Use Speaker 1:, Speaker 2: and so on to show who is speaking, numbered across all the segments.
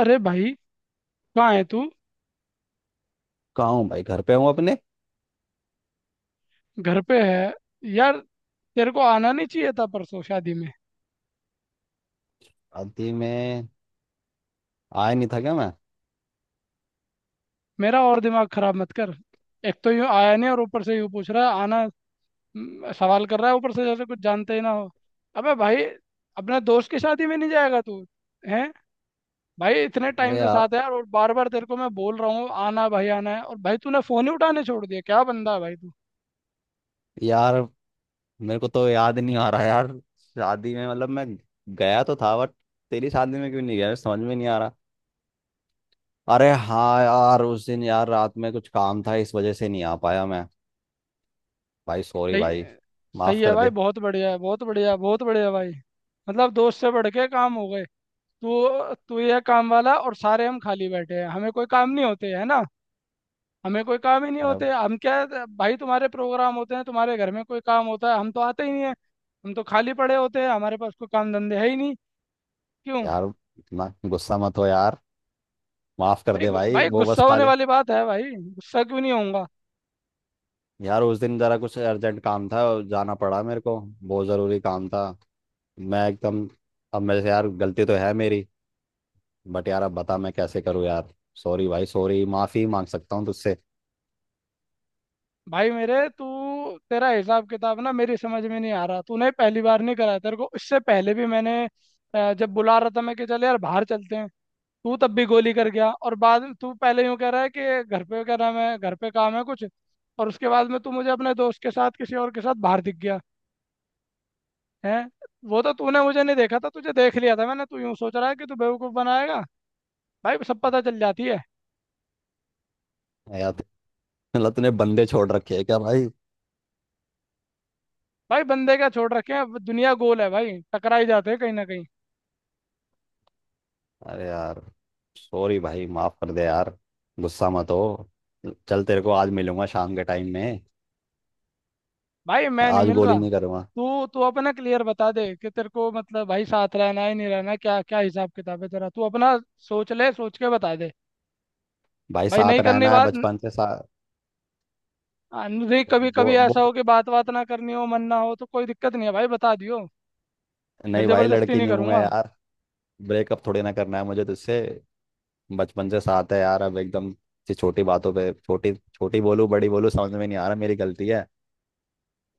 Speaker 1: अरे भाई, कहाँ है तू।
Speaker 2: कहाँ हूँ भाई। घर पे हूँ अपने।
Speaker 1: घर पे है। यार तेरे को आना नहीं चाहिए था परसों शादी में।
Speaker 2: शादी में आया नहीं था क्या मैं।
Speaker 1: मेरा और दिमाग खराब मत कर। एक तो यूं आया नहीं और ऊपर से यूं पूछ रहा है आना। सवाल कर रहा है ऊपर से जैसे कुछ जानते ही ना हो। अबे भाई, अपने दोस्त की शादी में नहीं जाएगा तू। हैं। भाई इतने
Speaker 2: अबे
Speaker 1: टाइम से
Speaker 2: यार
Speaker 1: साथ है यार, और बार बार तेरे को मैं बोल रहा हूँ आना भाई, आना है, और भाई तूने फोन ही उठाने छोड़ दिया। क्या बंदा है भाई तू।
Speaker 2: यार मेरे को तो याद नहीं आ रहा यार। शादी में मतलब मैं गया तो था बट तेरी शादी में क्यों नहीं गया समझ में नहीं आ रहा। अरे हाँ यार, उस दिन यार रात में कुछ काम था, इस वजह से नहीं आ पाया मैं। भाई सॉरी
Speaker 1: सही।
Speaker 2: भाई,
Speaker 1: सही
Speaker 2: माफ
Speaker 1: है
Speaker 2: कर
Speaker 1: भाई,
Speaker 2: दे।
Speaker 1: बहुत बढ़िया है, बहुत बढ़िया, बहुत बढ़िया भाई। मतलब दोस्त से बढ़ के काम हो गए। तू तू ये काम वाला और सारे हम खाली बैठे हैं, हमें कोई काम नहीं होते है ना। हमें कोई काम ही नहीं
Speaker 2: अरे
Speaker 1: होते, हम क्या है, भाई तुम्हारे प्रोग्राम होते हैं, तुम्हारे घर में कोई काम होता है, हम तो आते ही नहीं है। हम तो खाली पड़े होते हैं, हमारे पास कोई काम धंधे है ही नहीं। क्यों।
Speaker 2: यार, इतना गुस्सा मत हो यार। माफ कर
Speaker 1: नहीं
Speaker 2: दे
Speaker 1: गु-
Speaker 2: भाई,
Speaker 1: भाई
Speaker 2: वो बस
Speaker 1: गुस्सा
Speaker 2: खा
Speaker 1: होने
Speaker 2: ले।
Speaker 1: वाली बात है भाई, गुस्सा क्यों नहीं होऊंगा।
Speaker 2: यार उस दिन जरा कुछ अर्जेंट काम था, जाना पड़ा मेरे को, बहुत ज़रूरी काम था। मैं एकदम। अब मेरे से यार गलती तो है मेरी, बट यार अब बता मैं कैसे करूँ यार। सॉरी भाई सॉरी, माफी मांग सकता हूँ तुझसे।
Speaker 1: भाई मेरे, तू, तेरा हिसाब किताब ना मेरी समझ में नहीं आ रहा, तूने पहली बार नहीं कराया, तेरे को इससे पहले भी मैंने जब बुला रहा था मैं कि चल यार बाहर चलते हैं, तू तब भी गोली कर गया, और बाद में तू पहले यूं कह रहा है कि घर पे क्या नाम है, घर पे काम है कुछ, और उसके बाद में तू मुझे अपने दोस्त के साथ किसी और के साथ बाहर दिख गया। है। वो तो तूने मुझे नहीं देखा था, तुझे देख लिया था मैंने। तू यूं सोच रहा है कि तू बेवकूफ बनाएगा। भाई सब पता चल जाती है।
Speaker 2: यार मतलब तूने बंदे छोड़ रखे हैं क्या भाई।
Speaker 1: भाई बंदे क्या छोड़ रखे हैं, दुनिया गोल है भाई, टकरा ही जाते हैं कहीं ना कहीं।
Speaker 2: अरे यार, सॉरी भाई, माफ कर दे यार। गुस्सा मत हो। चल तेरे को आज मिलूंगा शाम के टाइम में।
Speaker 1: भाई मैं नहीं
Speaker 2: आज
Speaker 1: मिल
Speaker 2: गोली
Speaker 1: रहा।
Speaker 2: नहीं करूंगा।
Speaker 1: तू तू अपना क्लियर बता दे कि तेरे को मतलब भाई साथ रहना है नहीं रहना है, क्या क्या हिसाब किताब है तेरा, तू अपना सोच ले, सोच के बता दे।
Speaker 2: भाई
Speaker 1: भाई
Speaker 2: साथ
Speaker 1: नहीं करनी
Speaker 2: रहना है,
Speaker 1: बात।
Speaker 2: बचपन से साथ।
Speaker 1: हाँ, नहीं, कभी
Speaker 2: वो
Speaker 1: कभी ऐसा
Speaker 2: वो
Speaker 1: हो कि बात बात ना करनी हो, मन ना हो, तो कोई दिक्कत नहीं है भाई, बता दियो। फिर
Speaker 2: नहीं भाई,
Speaker 1: जबरदस्ती
Speaker 2: लड़की
Speaker 1: नहीं
Speaker 2: नहीं हूं मैं
Speaker 1: करूंगा।
Speaker 2: यार। ब्रेकअप थोड़ी ना करना है मुझे तुझसे। बचपन से साथ है यार, अब एकदम से छोटी बातों पे छोटी छोटी बोलूं बड़ी बोलूं समझ में नहीं आ रहा, मेरी गलती है।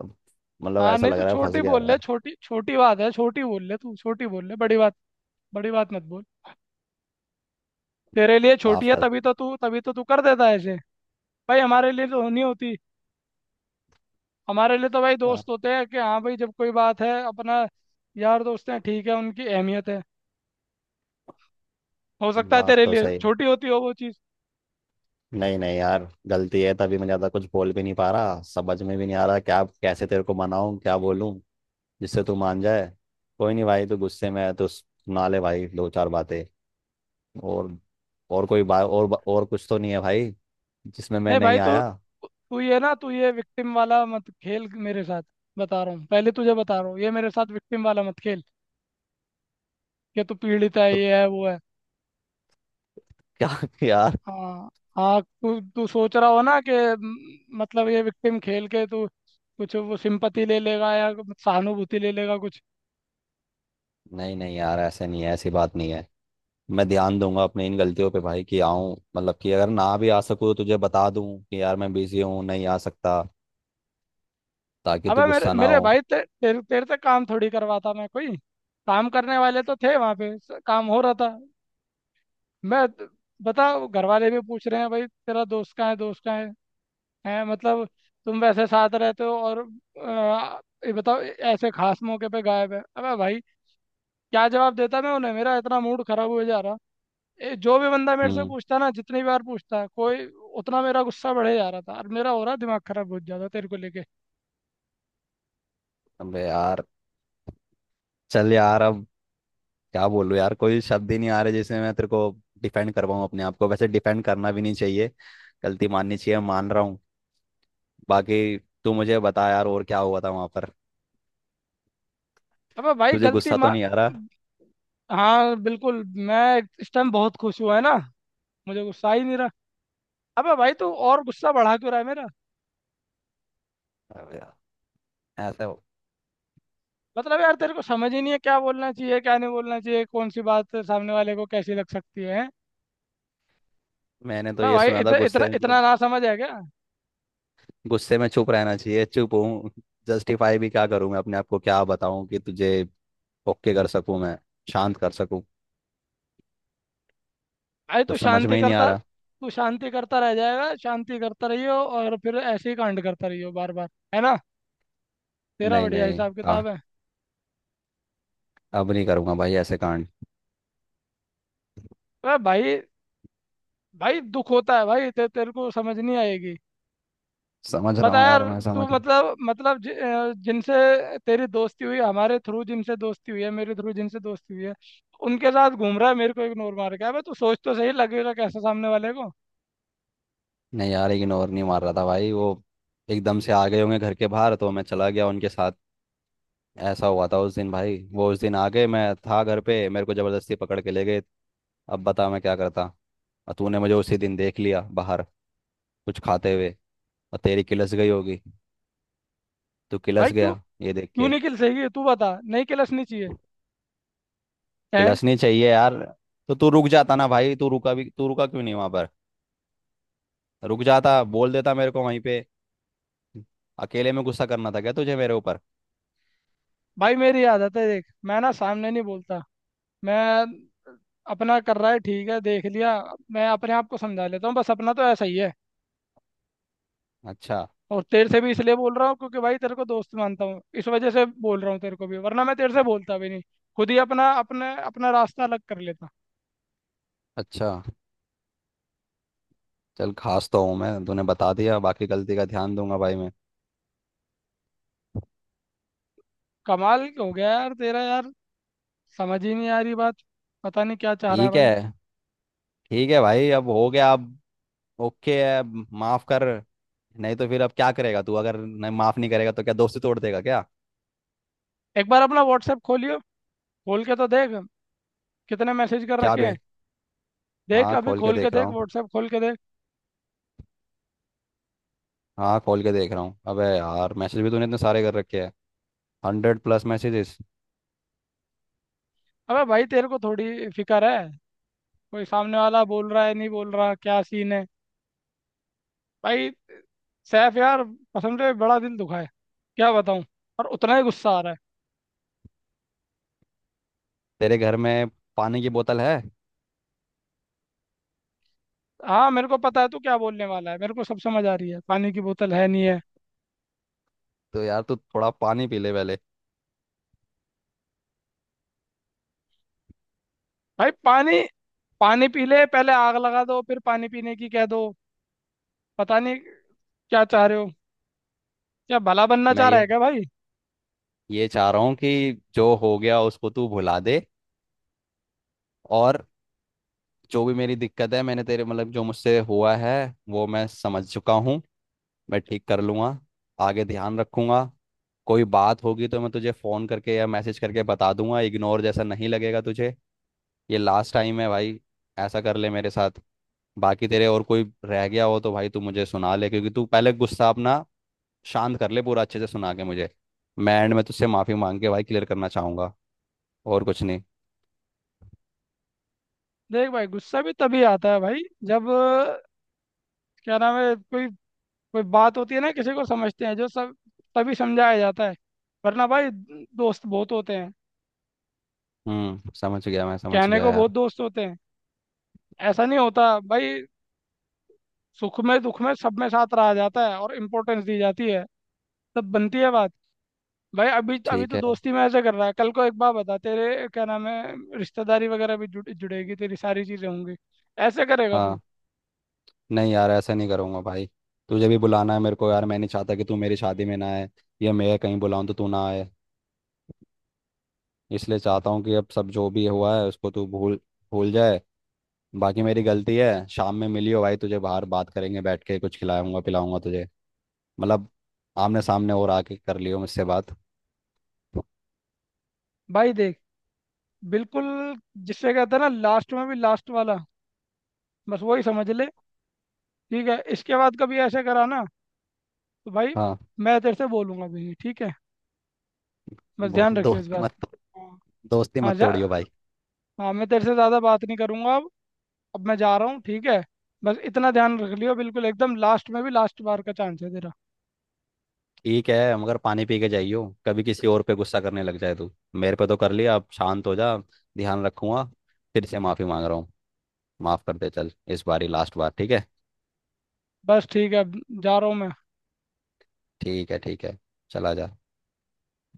Speaker 2: अब मतलब
Speaker 1: हाँ,
Speaker 2: ऐसा
Speaker 1: नहीं,
Speaker 2: लग
Speaker 1: तू
Speaker 2: रहा है फंस
Speaker 1: छोटी
Speaker 2: गया
Speaker 1: बोल
Speaker 2: हुआ
Speaker 1: ले,
Speaker 2: है।
Speaker 1: छोटी छोटी बात है, छोटी बोल ले, तू छोटी बोल ले, बड़ी बात, बड़ी बात मत बोल। तेरे लिए छोटी
Speaker 2: माफ
Speaker 1: है,
Speaker 2: कर दे।
Speaker 1: तभी तो तू कर देता है ऐसे। भाई हमारे लिए तो नहीं होती। हमारे लिए तो भाई
Speaker 2: आ,
Speaker 1: दोस्त होते हैं, कि हाँ भाई, जब कोई बात है अपना यार दोस्त हैं, ठीक है, उनकी अहमियत है। हो सकता है
Speaker 2: बात
Speaker 1: तेरे
Speaker 2: तो
Speaker 1: लिए
Speaker 2: सही।
Speaker 1: छोटी होती हो वो चीज़।
Speaker 2: नहीं नहीं यार गलती है, तभी मैं ज्यादा कुछ बोल भी नहीं पा रहा, समझ में भी नहीं आ रहा क्या कैसे तेरे को मनाऊं, क्या बोलूं जिससे तू मान जाए। कोई नहीं भाई, तू गुस्से में है तो सुना ले भाई दो चार बातें। और और कोई बात, और कुछ तो नहीं है भाई जिसमें मैं
Speaker 1: नहीं भाई,
Speaker 2: नहीं
Speaker 1: तू
Speaker 2: आया।
Speaker 1: तू ये ना, तू ये विक्टिम वाला मत खेल मेरे साथ। बता रहा हूँ पहले तुझे, बता रहा हूँ, ये मेरे साथ विक्टिम वाला मत खेल, कि तू पीड़ित है,
Speaker 2: तो
Speaker 1: ये है वो है।
Speaker 2: क्या यार।
Speaker 1: हाँ, हाँ, तू तू सोच रहा हो ना कि मतलब ये विक्टिम खेल के तू कुछ वो सिंपति ले लेगा, या सहानुभूति ले लेगा कुछ।
Speaker 2: नहीं नहीं यार, ऐसे नहीं है, ऐसी बात नहीं है। मैं ध्यान दूंगा अपनी इन गलतियों पे भाई, कि आऊं, मतलब कि अगर ना भी आ सकूं तो तुझे बता दूं कि यार मैं बिजी हूँ, नहीं आ सकता, ताकि तू
Speaker 1: अबे मेरे
Speaker 2: गुस्सा ना
Speaker 1: मेरे
Speaker 2: हो।
Speaker 1: भाई, तेरे तेरे से काम थोड़ी करवाता मैं कोई। काम करने वाले तो थे वहां पे, काम हो रहा था। मैं बता, घर वाले भी पूछ रहे हैं भाई तेरा दोस्त कहाँ है, दोस्त कहाँ है। है मतलब, तुम वैसे साथ रहते हो और ये बताओ ऐसे खास मौके पे गायब है। अबे भाई क्या जवाब देता मैं उन्हें, मेरा इतना मूड खराब हो जा रहा। जो भी बंदा मेरे से
Speaker 2: हम्म
Speaker 1: पूछता ना, जितनी बार पूछता है कोई, उतना मेरा गुस्सा बढ़े जा रहा था, और मेरा हो रहा दिमाग खराब बहुत ज्यादा तेरे को लेके।
Speaker 2: अबे यार, चल यार अब क्या बोलूं यार, कोई शब्द ही नहीं आ रहे जिसमें मैं तेरे को डिफेंड कर पाऊं अपने आप को। वैसे डिफेंड करना भी नहीं चाहिए, गलती माननी चाहिए, मान रहा हूँ। बाकी तू मुझे बता यार और क्या हुआ था वहां पर।
Speaker 1: अबे भाई
Speaker 2: तुझे
Speaker 1: गलती
Speaker 2: गुस्सा तो
Speaker 1: मा
Speaker 2: नहीं आ रहा।
Speaker 1: हाँ बिल्कुल, मैं इस टाइम बहुत खुश हुआ है ना, मुझे गुस्सा ही नहीं रहा। अबे भाई तू और गुस्सा बढ़ा क्यों रहा है मेरा।
Speaker 2: अबे यार, ऐसा हो-
Speaker 1: मतलब यार तेरे को समझ ही नहीं है क्या बोलना चाहिए, क्या नहीं बोलना चाहिए, कौन सी बात सामने वाले को कैसी लग सकती है।
Speaker 2: मैंने तो
Speaker 1: वाह
Speaker 2: ये
Speaker 1: भाई,
Speaker 2: सुना था
Speaker 1: इतना इतना
Speaker 2: गुस्से में
Speaker 1: इतना
Speaker 2: जब
Speaker 1: ना समझ है क्या।
Speaker 2: गुस्से में चुप रहना चाहिए, चुप हूँ। जस्टिफाई भी क्या करूँ मैं अपने आप को, क्या बताऊँ कि तुझे ओके कर सकूँ मैं, शांत कर सकूँ।
Speaker 1: भाई तू
Speaker 2: कुछ समझ में
Speaker 1: शांति
Speaker 2: ही नहीं आ
Speaker 1: करता,
Speaker 2: रहा।
Speaker 1: तू शांति करता रह जाएगा, शांति करता रहियो, और फिर ऐसे ही कांड करता रहियो बार बार, है ना, तेरा
Speaker 2: नहीं
Speaker 1: बढ़िया
Speaker 2: नहीं
Speaker 1: हिसाब
Speaker 2: कहा,
Speaker 1: किताब है।
Speaker 2: अब नहीं करूँगा भाई ऐसे कांड।
Speaker 1: वाह भाई। भाई दुख होता है भाई, तेरे को समझ नहीं आएगी।
Speaker 2: समझ रहा
Speaker 1: बता
Speaker 2: हूँ
Speaker 1: यार।
Speaker 2: यार, मैं
Speaker 1: तू
Speaker 2: समझ।
Speaker 1: मतलब जिनसे तेरी दोस्ती हुई हमारे थ्रू, जिनसे दोस्ती हुई है मेरे थ्रू, जिनसे दोस्ती हुई है, उनके साथ घूम रहा है मेरे को इग्नोर मार के। अबे तू सोच, तो सही लगेगा कैसा सामने वाले को।
Speaker 2: नहीं यार इग्नोर नहीं मार रहा था भाई, वो एकदम से आ गए होंगे घर के बाहर, तो मैं चला गया उनके साथ। ऐसा हुआ था उस दिन भाई, वो उस दिन आ गए, मैं था घर पे, मेरे को ज़बरदस्ती पकड़ के ले गए। अब बता मैं क्या करता। और तूने मुझे उसी दिन देख लिया बाहर कुछ खाते हुए, और तेरी किलस गई होगी, तू
Speaker 1: भाई
Speaker 2: किलस
Speaker 1: क्यों,
Speaker 2: गया ये देख
Speaker 1: क्यों
Speaker 2: के।
Speaker 1: नहीं खिल सही, तू बता, नहीं खिलसनी चाहिए। हैं।
Speaker 2: किलस नहीं चाहिए यार। तो तू रुक जाता ना भाई, तू रुका भी, तू रुका क्यों नहीं वहां पर। रुक जाता, बोल देता मेरे को वहीं पे। अकेले में गुस्सा करना था क्या तुझे मेरे ऊपर।
Speaker 1: भाई मेरी आदत है देख, मैं ना सामने नहीं बोलता। मैं, अपना कर रहा है ठीक है, देख लिया, मैं अपने आप को समझा लेता हूँ बस, अपना तो ऐसा ही है।
Speaker 2: अच्छा।
Speaker 1: और तेरे से भी इसलिए बोल रहा हूँ क्योंकि भाई तेरे को दोस्त मानता हूँ, इस वजह से बोल रहा हूँ तेरे को भी, वरना मैं तेरे से बोलता भी नहीं, खुद ही अपना रास्ता अलग कर लेता।
Speaker 2: अच्छा चल, खास तो हूँ मैं, तूने बता दिया। बाकी गलती का ध्यान दूंगा भाई मैं।
Speaker 1: कमाल हो गया यार तेरा यार, समझ ही नहीं आ रही बात, पता नहीं क्या चाह रहा है
Speaker 2: ठीक
Speaker 1: भाई।
Speaker 2: है। ठीक है भाई अब हो गया, अब ओके है, अब माफ कर। नहीं तो फिर अब क्या करेगा तू, अगर नहीं माफ नहीं करेगा तो क्या दोस्ती तोड़ देगा क्या।
Speaker 1: एक बार अपना व्हाट्सएप खोलियो, खोल के तो देख कितने मैसेज कर
Speaker 2: क्या
Speaker 1: रखे हैं।
Speaker 2: बे।
Speaker 1: देख
Speaker 2: हाँ
Speaker 1: अभी
Speaker 2: खोल के
Speaker 1: खोल के
Speaker 2: देख रहा
Speaker 1: देख,
Speaker 2: हूँ।
Speaker 1: व्हाट्सएप खोल के देख।
Speaker 2: हाँ खोल के देख रहा हूँ, अबे यार मैसेज भी तूने इतने सारे कर रखे हैं। 100 प्लस मैसेजेस।
Speaker 1: अबे भाई तेरे को थोड़ी फिक्र है, कोई सामने वाला बोल रहा है नहीं बोल रहा, क्या सीन है भाई। सैफ यार, कसम से बड़ा दिल दुखा है, क्या बताऊं, और उतना ही गुस्सा आ रहा है।
Speaker 2: तेरे घर में पानी की बोतल है।
Speaker 1: हाँ मेरे को पता है तू क्या बोलने वाला है, मेरे को सब समझ आ रही है, पानी की बोतल है नहीं है।
Speaker 2: तो यार तू थोड़ा पानी पी ले पहले।
Speaker 1: भाई पानी, पानी पी ले पहले, आग लगा दो फिर पानी पीने की कह दो। पता नहीं क्या चाह रहे हो, क्या भला बनना
Speaker 2: मैं
Speaker 1: चाह रहा
Speaker 2: ये
Speaker 1: है क्या भाई।
Speaker 2: ये चाह रहा हूँ कि जो हो गया उसको तू भुला दे। और जो भी मेरी दिक्कत है, मैंने तेरे मतलब जो मुझसे हुआ है, वो मैं समझ चुका हूँ, मैं ठीक कर लूँगा, आगे ध्यान रखूँगा। कोई बात होगी तो मैं तुझे फ़ोन करके या मैसेज करके बता दूंगा, इग्नोर जैसा नहीं लगेगा तुझे। ये लास्ट टाइम है भाई, ऐसा कर ले मेरे साथ। बाकी तेरे और कोई रह गया हो तो भाई तू मुझे सुना ले, क्योंकि तू पहले गुस्सा अपना शांत कर ले पूरा, अच्छे से सुना के मुझे। मैं एंड में तुझसे माफी मांग के भाई क्लियर करना चाहूंगा, और कुछ नहीं।
Speaker 1: देख भाई, गुस्सा भी तभी आता है भाई, जब क्या नाम है, कोई कोई बात होती है ना, किसी को समझते हैं जो सब, तभी समझाया जाता है। वरना भाई दोस्त बहुत होते हैं,
Speaker 2: समझ गया, मैं समझ
Speaker 1: कहने
Speaker 2: गया
Speaker 1: को बहुत
Speaker 2: यार।
Speaker 1: दोस्त होते हैं। ऐसा नहीं होता भाई, सुख में दुख में सब में साथ रहा जाता है और इम्पोर्टेंस दी जाती है, तब बनती है बात। भाई अभी अभी
Speaker 2: ठीक
Speaker 1: तो
Speaker 2: है।
Speaker 1: दोस्ती में ऐसे कर रहा है, कल को एक बार बता तेरे क्या नाम है, रिश्तेदारी वगैरह भी जुड़ेगी, तेरी सारी चीजें होंगी। ऐसे करेगा तू।
Speaker 2: हाँ, नहीं यार ऐसा नहीं करूंगा भाई। तुझे भी बुलाना है मेरे को यार, मैं नहीं चाहता कि तू मेरी शादी में ना आए, या मैं कहीं बुलाऊं तो तू ना आए। इसलिए चाहता हूँ कि अब सब जो भी हुआ है उसको तू भूल भूल जाए। बाकी मेरी गलती है। शाम में मिलियो भाई, तुझे बाहर बात करेंगे बैठ के, कुछ खिलाऊंगा पिलाऊंगा तुझे। मतलब आमने सामने, और आके कर लियो मुझसे बात।
Speaker 1: भाई देख, बिल्कुल, जिससे कहते हैं ना लास्ट में भी लास्ट वाला, बस वही समझ ले। ठीक है, इसके बाद कभी ऐसे करा ना, तो भाई
Speaker 2: हाँ,
Speaker 1: मैं तेरे से बोलूंगा भी नहीं। ठीक है, बस
Speaker 2: वो
Speaker 1: ध्यान रखियो इस
Speaker 2: दोस्त की
Speaker 1: बात
Speaker 2: मदद,
Speaker 1: का। हाँ।
Speaker 2: दोस्ती
Speaker 1: हाँ,
Speaker 2: मत
Speaker 1: जा।
Speaker 2: तोड़ियो भाई।
Speaker 1: हाँ मैं तेरे से ज़्यादा बात नहीं करूंगा अब। अब मैं जा रहा हूँ ठीक है, बस इतना ध्यान रख लियो, बिल्कुल एकदम लास्ट में भी लास्ट बार का चांस है तेरा।
Speaker 2: ठीक है, मगर पानी पी के जाइयो, कभी किसी और पे गुस्सा करने लग जाए। तू मेरे पे तो कर लिया, अब शांत हो जा। ध्यान रखूंगा, फिर से माफी मांग रहा हूँ। माफ कर दे, चल इस बार ही लास्ट बार, ठीक है।
Speaker 1: बस ठीक है अब, जा रहा हूँ मैं।
Speaker 2: ठीक है, ठीक है, चला जा।